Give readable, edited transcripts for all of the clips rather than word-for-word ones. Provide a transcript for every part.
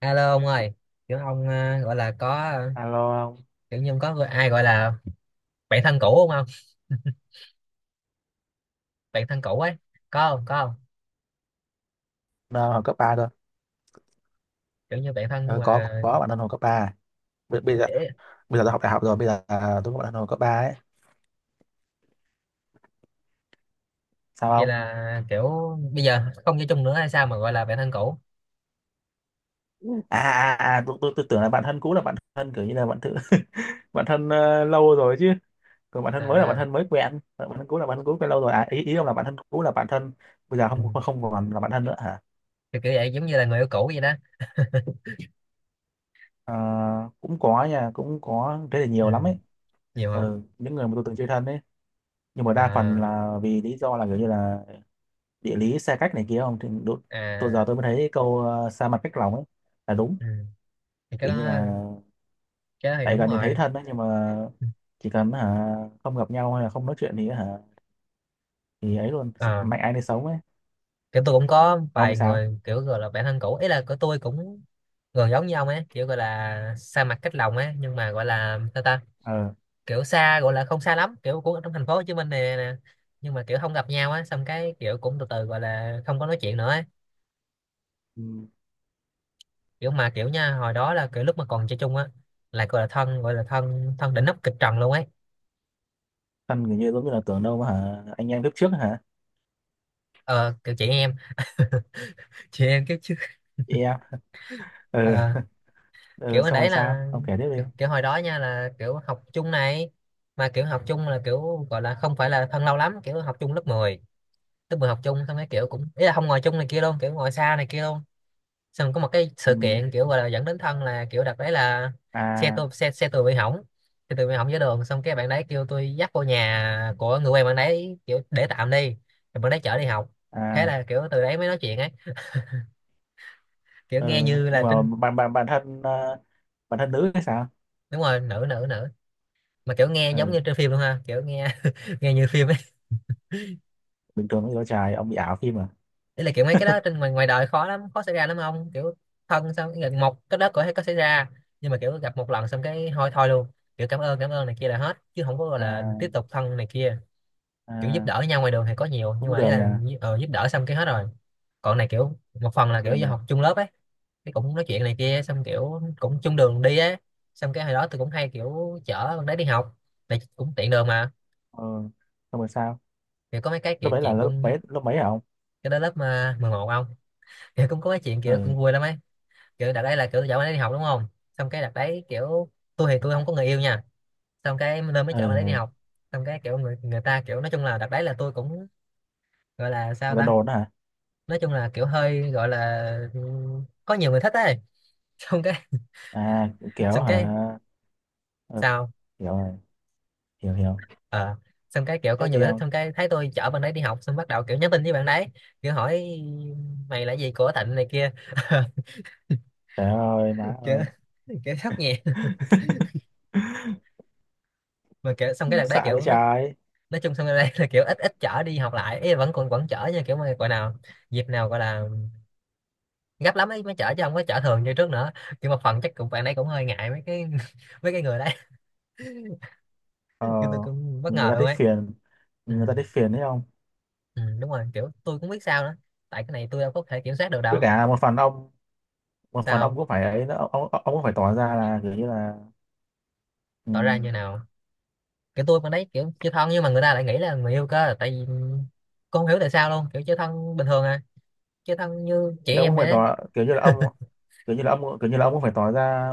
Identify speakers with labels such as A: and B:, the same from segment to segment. A: Alo ông ơi, kiểu ông gọi là có
B: Alo không?
A: kiểu như ông có người- ai gọi là bạn thân cũ không không? Bạn thân cũ ấy, có không? Có không?
B: Đang học cấp 3 thôi.
A: Kiểu như bạn thân
B: Ờ, có
A: mà
B: có bạn đang học cấp 3 bây giờ.
A: dễ-
B: Bây giờ tôi học đại học rồi, bây giờ tôi có bạn đang học cấp 3 ấy, sao
A: vậy
B: không?
A: là kiểu bây giờ không chơi chung nữa hay sao mà gọi là bạn thân cũ?
B: À, tôi tưởng là bạn thân cũ là bạn thân kiểu như là bạn thử bạn thân lâu rồi chứ, còn bạn thân
A: À,
B: mới là bạn
A: à,
B: thân mới quen. Ờ, bạn thân cũ là bạn thân cũ quen lâu rồi, à ý ý ông là bạn thân cũ là bạn thân bây giờ
A: ừ.
B: không không còn là bạn thân nữa hả?
A: Kiểu kiểu vậy giống như là người yêu cũ vậy đó.
B: Ờ, cũng có nha, cũng có thế là nhiều lắm
A: Ừ,
B: ấy.
A: nhiều hả?
B: Ừ, những người mà tôi từng chơi thân ấy, nhưng mà đa phần
A: À,
B: là vì lý do là kiểu như là địa lý xa cách này kia, không thì đúng, tôi giờ
A: à,
B: tôi mới thấy câu xa mặt cách lòng ấy là đúng.
A: ừ. Thì cái
B: Kiểu
A: đó
B: như là
A: cái đó thì
B: tại
A: đúng
B: gần thì thấy
A: rồi.
B: thân đấy, nhưng mà
A: Ừ,
B: chỉ cần hả không gặp nhau hay là không nói chuyện thì hả thì ấy luôn,
A: ờ,
B: mạnh ai nấy sống ấy.
A: kiểu tôi cũng có
B: Còn ông thì
A: vài
B: sao?
A: người kiểu gọi là bạn thân cũ, ý là của tôi cũng gần giống như ông ấy, kiểu gọi là xa mặt cách lòng ấy, nhưng mà gọi là ta ta
B: Ờ.
A: kiểu xa, gọi là không xa lắm, kiểu cũng ở trong thành phố Hồ Chí Minh này nè nè. Nhưng mà kiểu không gặp nhau á, xong cái kiểu cũng từ từ gọi là không có nói chuyện nữa ấy.
B: Ừ.
A: Kiểu mà kiểu nha, hồi đó là kiểu lúc mà còn chơi chung á là gọi là thân, gọi là thân thân đỉnh nóc kịch trần luôn ấy.
B: Thân kiểu như giống như là tưởng đâu mà hả anh em kiếp trước hả?
A: Ờ kiểu chị em, chị em kiểu chứ.
B: Chị em. Ờ.
A: Ờ, kiểu
B: Ờ,
A: hồi
B: xong rồi
A: đấy
B: sao
A: là
B: ông kể tiếp đi.
A: kiểu hồi đó nha là kiểu học chung này, mà kiểu học chung là kiểu gọi là không phải là thân lâu lắm, kiểu học chung lớp mười. Lớp 10 học chung xong cái kiểu cũng ý là không ngồi chung này kia luôn, kiểu ngồi xa này kia luôn. Xong có một cái sự
B: Ừ.
A: kiện kiểu gọi là dẫn đến thân là kiểu đợt đấy là xe
B: À.
A: tôi xe xe tôi bị hỏng, xe tôi bị hỏng dưới đường, xong cái bạn đấy kêu tôi dắt vô nhà của người quen bạn đấy kiểu để tạm đi, rồi bạn đấy chở đi học. Thế
B: À.
A: là kiểu từ đấy mới nói chuyện ấy. Kiểu
B: Ờ.
A: nghe như
B: Nhưng
A: là
B: mà
A: trinh.
B: bản bản bản thân bản thân nữ hay sao?
A: Đúng rồi, nữ nữ nữ, mà kiểu nghe giống
B: Ờ,
A: như trên phim luôn ha, kiểu nghe nghe như phim ấy.
B: bình thường với đứa trai ông bị ảo phim à?
A: Đấy là kiểu mấy cái đó trên ngoài ngoài đời khó lắm, khó xảy ra lắm ông, kiểu thân xong cái một cái đó có thể có xảy ra, nhưng mà kiểu gặp một lần xong cái thôi thôi luôn, kiểu cảm ơn này kia là hết, chứ không có gọi là
B: À.
A: tiếp tục thân này kia. Kiểu giúp
B: À.
A: đỡ nhau ngoài đường thì có nhiều, nhưng
B: Cũng
A: mà ý
B: được
A: là
B: nha.
A: ờ, giúp đỡ xong cái hết rồi. Còn này kiểu một phần là kiểu
B: Được
A: do
B: mà.
A: học chung lớp ấy, cái cũng nói chuyện này kia, xong kiểu cũng chung đường đi á, xong cái hồi đó tôi cũng hay kiểu chở con đấy đi học, tại cũng tiện đường mà.
B: Ờ, xong rồi sao?
A: Thì có mấy cái
B: Lớp
A: kiểu
B: bảy là
A: chuyện cũng
B: lớp bảy hả ông?
A: cái đó lớp mà 11 ông, kiểu cũng có cái chuyện kiểu
B: Ừ.
A: cũng vui lắm ấy. Kiểu đợt đấy là kiểu tôi chở bạn ấy đi học đúng không, xong cái đợt đấy kiểu tôi không có người yêu nha, xong cái nên mới chở bạn ấy đi
B: Ừ.
A: học. Xong cái kiểu người người ta kiểu nói chung là đợt đấy là tôi cũng gọi là sao
B: Người ta
A: ta,
B: đồn đó hả?
A: nói chung là kiểu hơi gọi là có nhiều người thích ấy, xong cái
B: À, kiểu
A: xong cái
B: hả? Ừ.
A: sao
B: Hiểu rồi, hiểu hiểu
A: ờ, xong cái kiểu có
B: Tiếp
A: nhiều
B: đi
A: người thích,
B: không?
A: xong cái thấy tôi chở bạn ấy đi học xong bắt đầu kiểu nhắn tin với bạn đấy, kiểu hỏi mày là gì của Thịnh này kia.
B: Trời ơi má
A: Kiểu
B: ơi.
A: kiểu sốc nhẹ, mà kiểu xong cái đợt đấy
B: Xạ với
A: kiểu nó
B: trái.
A: nói chung xong sân đây, là kiểu ít ít chở đi học lại, ý là vẫn còn vẫn chở nha, kiểu mà gọi nào dịp nào gọi là gấp lắm ấy mới chở, chứ không có chở thường như trước nữa. Kiểu một phần chắc cũng bạn ấy cũng hơi ngại mấy cái, mấy cái người đấy.
B: Ờ,
A: Kiểu tôi cũng bất
B: người
A: ngờ
B: ta
A: luôn
B: thấy
A: ấy.
B: phiền.
A: Ừ,
B: Người ta thấy phiền đấy không?
A: ừ, đúng rồi kiểu tôi cũng biết sao nữa, tại cái này tôi đâu có thể kiểm soát được
B: Với
A: đâu.
B: cả một phần ông, một phần
A: Sao
B: ông
A: không?
B: cũng phải ấy nữa, ông cũng phải tỏ ra là kiểu như là ừ,
A: Tỏ ra như nào? Kiểu tôi con đấy kiểu chơi thân, nhưng mà người ta lại nghĩ là người yêu cơ, tại vì con không hiểu tại sao luôn, kiểu chơi thân bình thường à, chơi thân như chị
B: thì ông
A: em
B: cũng
A: vậy
B: phải
A: đấy.
B: tỏ kiểu như là ông, kiểu như là ông, kiểu như là ông cũng phải tỏ ra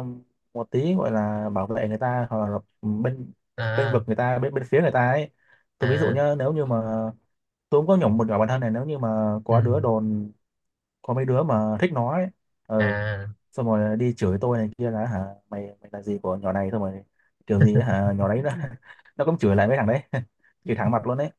B: một tí gọi là bảo vệ người ta hoặc là bên bên
A: À
B: vực người ta bên bên phía người ta ấy. Tôi ví dụ
A: à,
B: nhá, nếu như mà tôi cũng có nhỏ một nhỏ bản thân này, nếu như mà có đứa
A: ừ,
B: đồn, có mấy đứa mà thích nó ấy, ừ,
A: à
B: xong rồi đi chửi tôi này kia là hả mày mày là gì của nhỏ này, xong rồi kiểu gì ấy hả, nhỏ đấy nó nó cũng chửi lại mấy thằng đấy chửi thẳng mặt luôn đấy.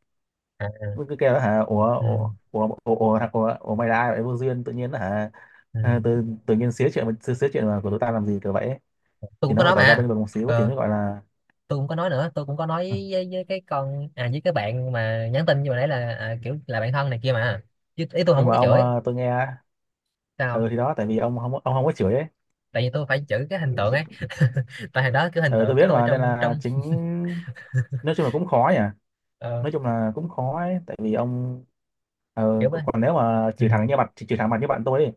A: à,
B: Mới cứ kêu là hả ủa
A: ừ.
B: ủa ủa ủa ủa, ủa, ủa mày là ai vậy, vô duyên tự nhiên là hả
A: Ừ.
B: à, tự tự nhiên xía chuyện xía chuyện mà của tụi tao làm gì kiểu vậy ấy.
A: Tôi
B: Thì
A: cũng có
B: nó phải
A: nói
B: tỏ ra
A: mà.
B: bên vực một xíu thì
A: Ờ,
B: mới gọi là.
A: tôi cũng có nói nữa, tôi cũng có nói
B: "Ừ.
A: với cái con à với cái bạn mà nhắn tin như hồi nãy là à, kiểu là bạn thân này kia mà, chứ ý tôi không
B: Nhưng
A: có
B: mà
A: cái
B: ông
A: chửi.
B: tôi nghe, ừ
A: Sao?
B: thì đó, tại vì ông không, ông không có chửi ấy.
A: Tại vì tôi phải chửi cái hình tượng ấy, tại hồi đó kiểu hình
B: Ừ, tôi
A: tượng
B: biết
A: của tôi
B: mà, nên
A: trong
B: là
A: trong
B: chính nói chung là cũng khó nhỉ,
A: ờ,
B: nói chung là cũng khó ấy. Tại vì ông
A: kiểu ấy.
B: còn nếu mà
A: Ừ,
B: chửi thẳng như bạn, chửi thẳng mặt như bạn tôi ấy,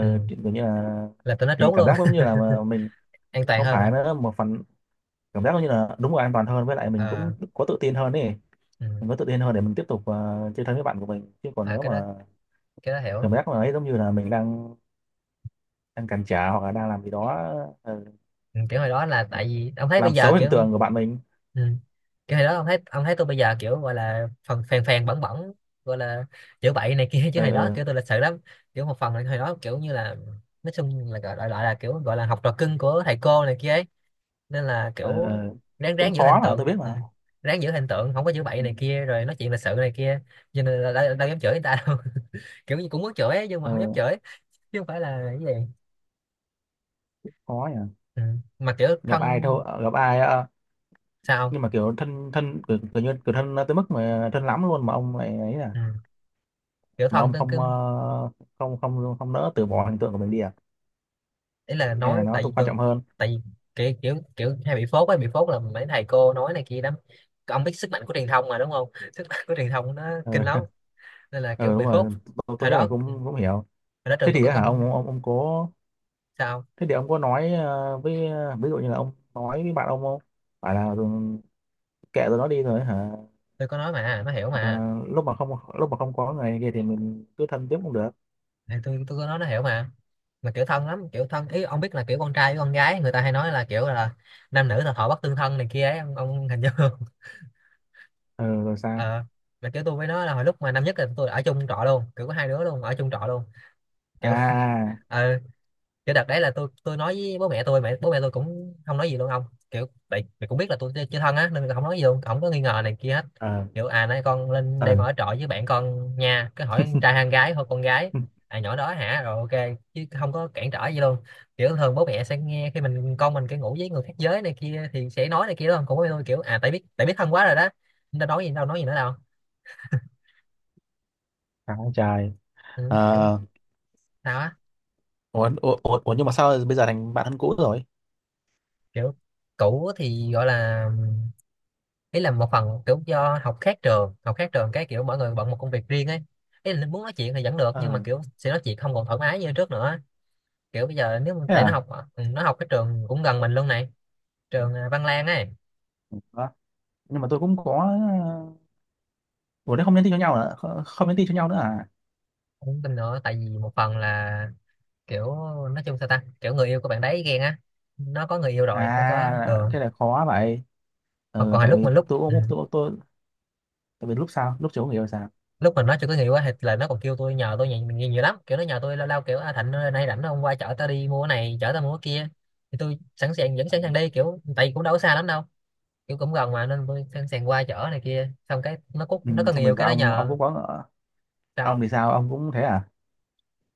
A: ừ.
B: kiểu như là
A: Là tôi nó
B: thì
A: trốn
B: cảm
A: luôn.
B: giác giống như là mà mình
A: An toàn
B: không
A: hơn
B: phải
A: à.
B: nữa, một phần cảm giác như là đúng là an toàn hơn, với lại mình cũng
A: Ờ,
B: có tự tin hơn ấy.
A: ừ.
B: Mình có tự tin hơn để mình tiếp tục chơi thân với bạn của mình, chứ còn
A: À,
B: nếu mà
A: cái đó hiểu.
B: cảm giác là ấy giống như là mình đang đang cản trở hoặc là đang làm gì đó ờ,
A: Ừ, kiểu hồi đó là tại vì ông thấy bây
B: làm
A: giờ
B: xấu hình
A: kiểu
B: tượng của bạn mình.
A: ừ, kiểu hồi đó ông thấy tôi bây giờ kiểu gọi là phần phèn phèn bẩn bẩn, gọi là chữa bậy này kia, chứ
B: Ờ.
A: hồi đó
B: Ờ.
A: kiểu tôi lịch sự lắm. Kiểu một phần là hồi đó kiểu như là nói chung là gọi là kiểu gọi là học trò cưng của thầy cô này kia ấy, nên là
B: Ờ.
A: kiểu
B: Ờ.
A: ráng ráng
B: Cũng
A: giữ hình
B: khó mà tôi
A: tượng.
B: biết mà.
A: Ừ, ráng giữ hình tượng, không có chữa bậy này kia rồi nói chuyện lịch sự này kia, cho nên là đâu dám chửi người ta đâu, kiểu như cũng muốn chửi ấy, nhưng mà
B: Ờ,
A: không dám chửi chứ không phải là cái gì.
B: khó nhỉ.
A: Ừ, mà kiểu
B: Gặp
A: thân.
B: ai thôi, gặp ai
A: Sao không?
B: nhưng mà kiểu thân thân kiểu, kiểu như kiểu thân tới mức mà thân lắm luôn mà ông lại ấy à,
A: Ừ, kiểu
B: mà
A: thân
B: ông
A: tôi cứ
B: không không không không nỡ từ bỏ hình tượng của mình đi à,
A: ý là
B: hay là
A: nói
B: nó
A: tại vì
B: cũng quan
A: tôi,
B: trọng hơn.
A: tại vì kiểu kiểu kiểu hay bị phốt ấy, bị phốt là mấy thầy cô nói này kia lắm. Ông biết sức mạnh của truyền thông mà đúng không, sức mạnh của truyền thông nó
B: Ờ.
A: kinh lắm, nên là kiểu
B: Ừ đúng
A: bị phốt.
B: rồi. tôi,
A: Hồi
B: tôi nhất
A: đó
B: là
A: hồi
B: cũng cũng hiểu.
A: đó
B: Thế
A: trường tôi
B: thì
A: có
B: á hả
A: con.
B: ông, ông có
A: Sao?
B: thế thì ông có nói với ví dụ như là ông nói với bạn ông không phải là ừ, kệ rồi nó đi rồi hả,
A: Tôi có nói mà nó hiểu
B: hoặc
A: mà.
B: là lúc mà không có người này kia thì mình cứ thân tiếp cũng được.
A: Thì tôi có nói nó hiểu mà kiểu thân lắm, kiểu thân ý ông biết là kiểu con trai với con gái người ta hay nói là kiểu là nam nữ là thọ bất tương thân này kia ấy ông hình dung không?
B: Ừ rồi sao?
A: Ờ, mà kiểu tôi với nó là hồi lúc mà năm nhất là tôi ở chung trọ luôn, kiểu có hai đứa luôn ở chung trọ luôn kiểu.
B: À.
A: Ờ, kiểu đợt đấy là tôi nói với bố mẹ tôi, mẹ bố mẹ tôi cũng không nói gì luôn ông. Kiểu tại mẹ cũng biết là tôi chưa thân á nên là không nói gì luôn, không có nghi ngờ này kia hết.
B: Ờ.
A: Kiểu à nay con lên đây
B: Ờ.
A: con ở trọ với bạn con nha, cứ hỏi con trai hay con gái, thôi con gái,
B: Ừ.
A: à nhỏ đó hả, rồi ok, chứ không có cản trở gì luôn. Kiểu thường bố mẹ sẽ nghe khi mình con mình cái ngủ với người khác giới này kia thì sẽ nói này kia đó, cũng bố mẹ tôi kiểu à tại biết thân quá rồi đó, nên đâu nói gì nữa đâu.
B: Chán quá.
A: Ừ, kiểu
B: Ờ.
A: sao á.
B: Ủa, nhưng mà sao bây giờ thành bạn thân cũ rồi?
A: Kiểu cũ thì gọi là ý là một phần kiểu do học khác trường học khác trường, cái kiểu mỗi người bận một công việc riêng ấy, ý là muốn nói chuyện thì vẫn được nhưng mà
B: Ờ,
A: kiểu sẽ nói chuyện không còn thoải mái như trước nữa. Kiểu bây giờ nếu mà-
B: thế
A: tại nó
B: à?
A: học. Ừ, nó học cái trường cũng gần mình luôn này, trường à, Văn Lang ấy.
B: Đó. Nhưng mà tôi cũng có, ủa thế không nhắn tin cho nhau nữa không, không nhắn tin cho nhau nữa à?
A: Cũng tin nữa tại vì một phần là kiểu nói chung sao ta kiểu người yêu của bạn đấy ghen á, nó có người yêu rồi nó có
B: À
A: ờ.
B: thế là khó vậy.
A: Còn còn
B: Ừ,
A: hồi
B: tại
A: lúc
B: vì
A: mà lúc
B: tôi
A: ừ,
B: cũng tôi, tại vì lúc sau lúc chiều không hiểu sao.
A: lúc mà nói cho cái người quá thì là nó còn kêu tôi nhờ tôi nhiều lắm kiểu nó nhờ tôi lao lao kiểu à, Thạnh ơi, nay rảnh không qua chở tao đi mua cái này chở tao mua cái kia, thì tôi sẵn sàng vẫn sẵn sàng đi kiểu tại vì cũng đâu có xa lắm đâu, kiểu cũng gần mà nên tôi sẵn sàng qua chở này kia, xong cái nó cút
B: Ừ,
A: nó có người
B: xong rồi
A: yêu cái
B: sao
A: nó
B: ông
A: nhờ.
B: cũng có, ông
A: Sao?
B: thì sao, ông cũng thế à?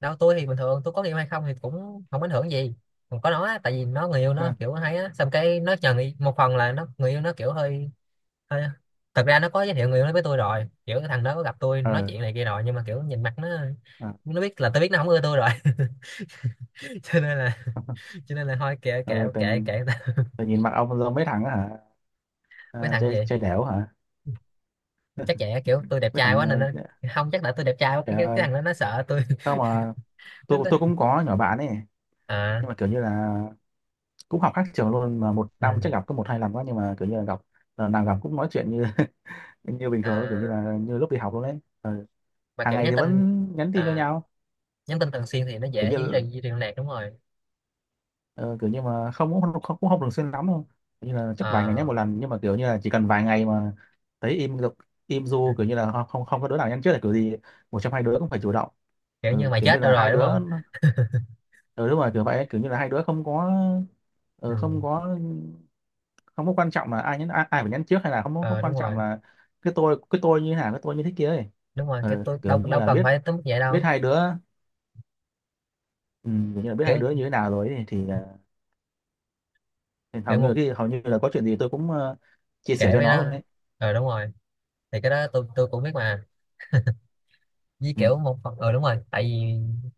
A: Đâu tôi thì bình thường tôi có người yêu hay không thì cũng không ảnh hưởng gì, còn có nó á, tại vì nó người yêu nó kiểu hay á xong cái nó nhờ người, một phần là nó người yêu nó kiểu hơi. Thôi, thật ra nó có giới thiệu người yêu nó với tôi rồi, kiểu cái thằng đó có gặp tôi nói
B: Ừ.
A: chuyện này kia rồi, nhưng mà kiểu nhìn mặt nó
B: Ừ.
A: nó biết là tôi biết nó không ưa tôi rồi. Cho nên là cho nên là thôi kệ
B: Ừ,
A: kệ kệ kệ người ta.
B: tự nhìn mặt ông giống mấy thằng á hả?
A: Mấy
B: À,
A: thằng
B: chơi
A: gì?
B: chơi đẻo hả?
A: Chắc vậy á, kiểu tôi đẹp
B: Mấy
A: trai
B: thằng.
A: quá nên nó
B: Ờ.
A: không, chắc là tôi đẹp trai quá cái
B: Trời
A: cái
B: ơi.
A: thằng đó nó sợ tôi.
B: Không mà,
A: Nó-
B: tôi cũng có nhỏ bạn ấy,
A: à,
B: nhưng mà kiểu như là cũng học khác trường luôn, mà một
A: ừ,
B: năm chắc gặp có một hai lần quá, nhưng mà kiểu như là gặp là nào gặp cũng nói chuyện như như bình thường luôn, kiểu như
A: à,
B: là như lúc đi học luôn đấy. Ừ,
A: mà
B: hàng
A: kiểu
B: ngày
A: nhắn
B: thì vẫn
A: tin
B: nhắn tin cho
A: à,
B: nhau
A: nhắn tin thường xuyên thì nó
B: kiểu
A: dễ giữ
B: như.
A: duy trì liên lạc đúng rồi.
B: Ờ, kiểu như mà không cũng không, cũng không thường xuyên lắm đâu. Kiểu như là chắc vài ngày nhé
A: À,
B: một lần, nhưng mà kiểu như là chỉ cần vài ngày mà thấy im được, im du kiểu như là không không không có đứa nào nhắn trước là kiểu gì, một trong hai đứa cũng phải chủ động.
A: kiểu như
B: Ừ,
A: mày
B: kiểu như
A: chết đâu
B: là hai
A: rồi đúng
B: đứa,
A: không.
B: ừ, đúng rồi kiểu vậy, kiểu như là hai đứa không có,
A: Ừ,
B: ừ, không có, không có quan trọng là ai nhắn ai, ai phải nhắn trước, hay là không có
A: ờ, đúng
B: quan trọng
A: rồi,
B: là cái tôi, cái tôi như thế nào, cái tôi như thế kia ấy.
A: đúng rồi kiểu
B: Ừ,
A: tôi
B: kiểu
A: đâu
B: như
A: đâu
B: là
A: cần
B: biết,
A: phải tới mức vậy đâu.
B: biết hai đứa, ừ, kiểu như là biết hai
A: kiểu
B: đứa như thế nào rồi ấy, thì hầu
A: kiểu
B: như là
A: một
B: cái hầu như là có chuyện gì tôi cũng chia sẻ
A: kể
B: cho
A: với
B: nó
A: nó.
B: luôn đấy.
A: Ờ đúng rồi, thì cái đó tôi cũng biết mà, với
B: Ừ.
A: kiểu một phần ờ đúng rồi tại vì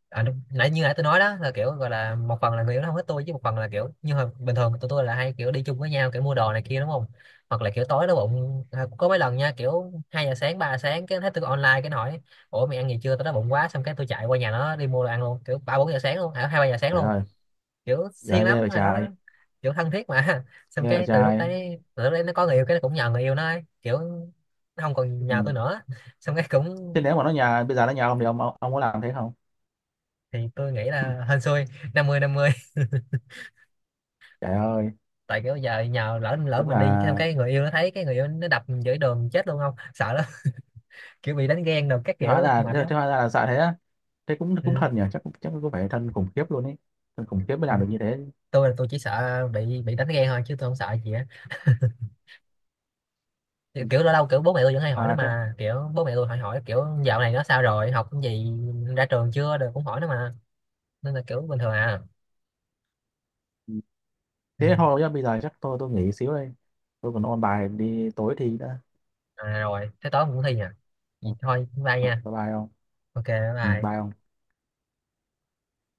A: à, đúng, nãy như nãy tôi nói đó là kiểu gọi là một phần là người yêu nó không thích tôi, chứ một phần là kiểu như hồi bình thường tụi tôi là hay kiểu đi chung với nhau kiểu mua đồ này kia đúng không, hoặc là kiểu tối đói bụng à, có mấy lần nha kiểu hai giờ sáng ba giờ sáng cái thấy tôi online cái nó hỏi ủa mày ăn gì chưa tao đói bụng quá, xong cái tôi chạy qua nhà nó đi mua đồ ăn luôn kiểu ba bốn giờ sáng luôn à, hai ba giờ sáng
B: Trời
A: luôn.
B: ơi.
A: Kiểu siêng
B: Giờ ghê
A: lắm
B: vậy
A: hồi đó,
B: trai.
A: kiểu thân thiết mà, xong
B: Ghê vậy
A: cái
B: trai.
A: từ lúc đấy nó có người yêu cái nó cũng nhờ người yêu nó ấy. Kiểu nó không còn
B: Ừ.
A: nhờ tôi nữa, xong cái
B: Thế
A: cũng
B: nếu mà nó nhà bây giờ nó nhà ông thì ông ông có làm thế không?
A: thì tôi nghĩ
B: Ừ.
A: là hên xui năm 50.
B: Trời ơi.
A: Tại kiểu giờ nhờ lỡ lỡ
B: Đúng
A: mình
B: là.
A: đi xong cái người yêu nó thấy cái người yêu nó đập mình giữa đường chết luôn không sợ lắm, kiểu bị đánh ghen đồ các
B: Thế hóa
A: kiểu
B: ra,
A: mệt lắm.
B: thế hóa ra là sợ thế á? Thế cũng cũng
A: Ừ.
B: thân nhỉ, chắc chắc cũng phải thân khủng khiếp luôn ấy, thân khủng khiếp mới
A: Ừ.
B: làm được như thế.
A: Tôi là tôi chỉ sợ bị đánh ghen thôi chứ tôi không sợ gì á. kiểu
B: Ừ.
A: kiểu lâu lâu kiểu bố mẹ tôi vẫn hay hỏi nó
B: À, thế.
A: mà, kiểu bố mẹ tôi hỏi hỏi kiểu dạo này nó sao rồi học cái gì ra trường chưa rồi cũng hỏi nó mà, nên là kiểu bình thường à.
B: Ừ.
A: Ừ.
B: Thế thôi nhá, bây giờ chắc tôi nghỉ xíu đây, tôi còn ôn bài đi tối thì đã.
A: À rồi thế tối cũng thi à,
B: Ừ.
A: vậy thôi bye
B: Bye
A: nha.
B: bye ông.
A: Ok.
B: Ừ, bye
A: Bye.
B: ông.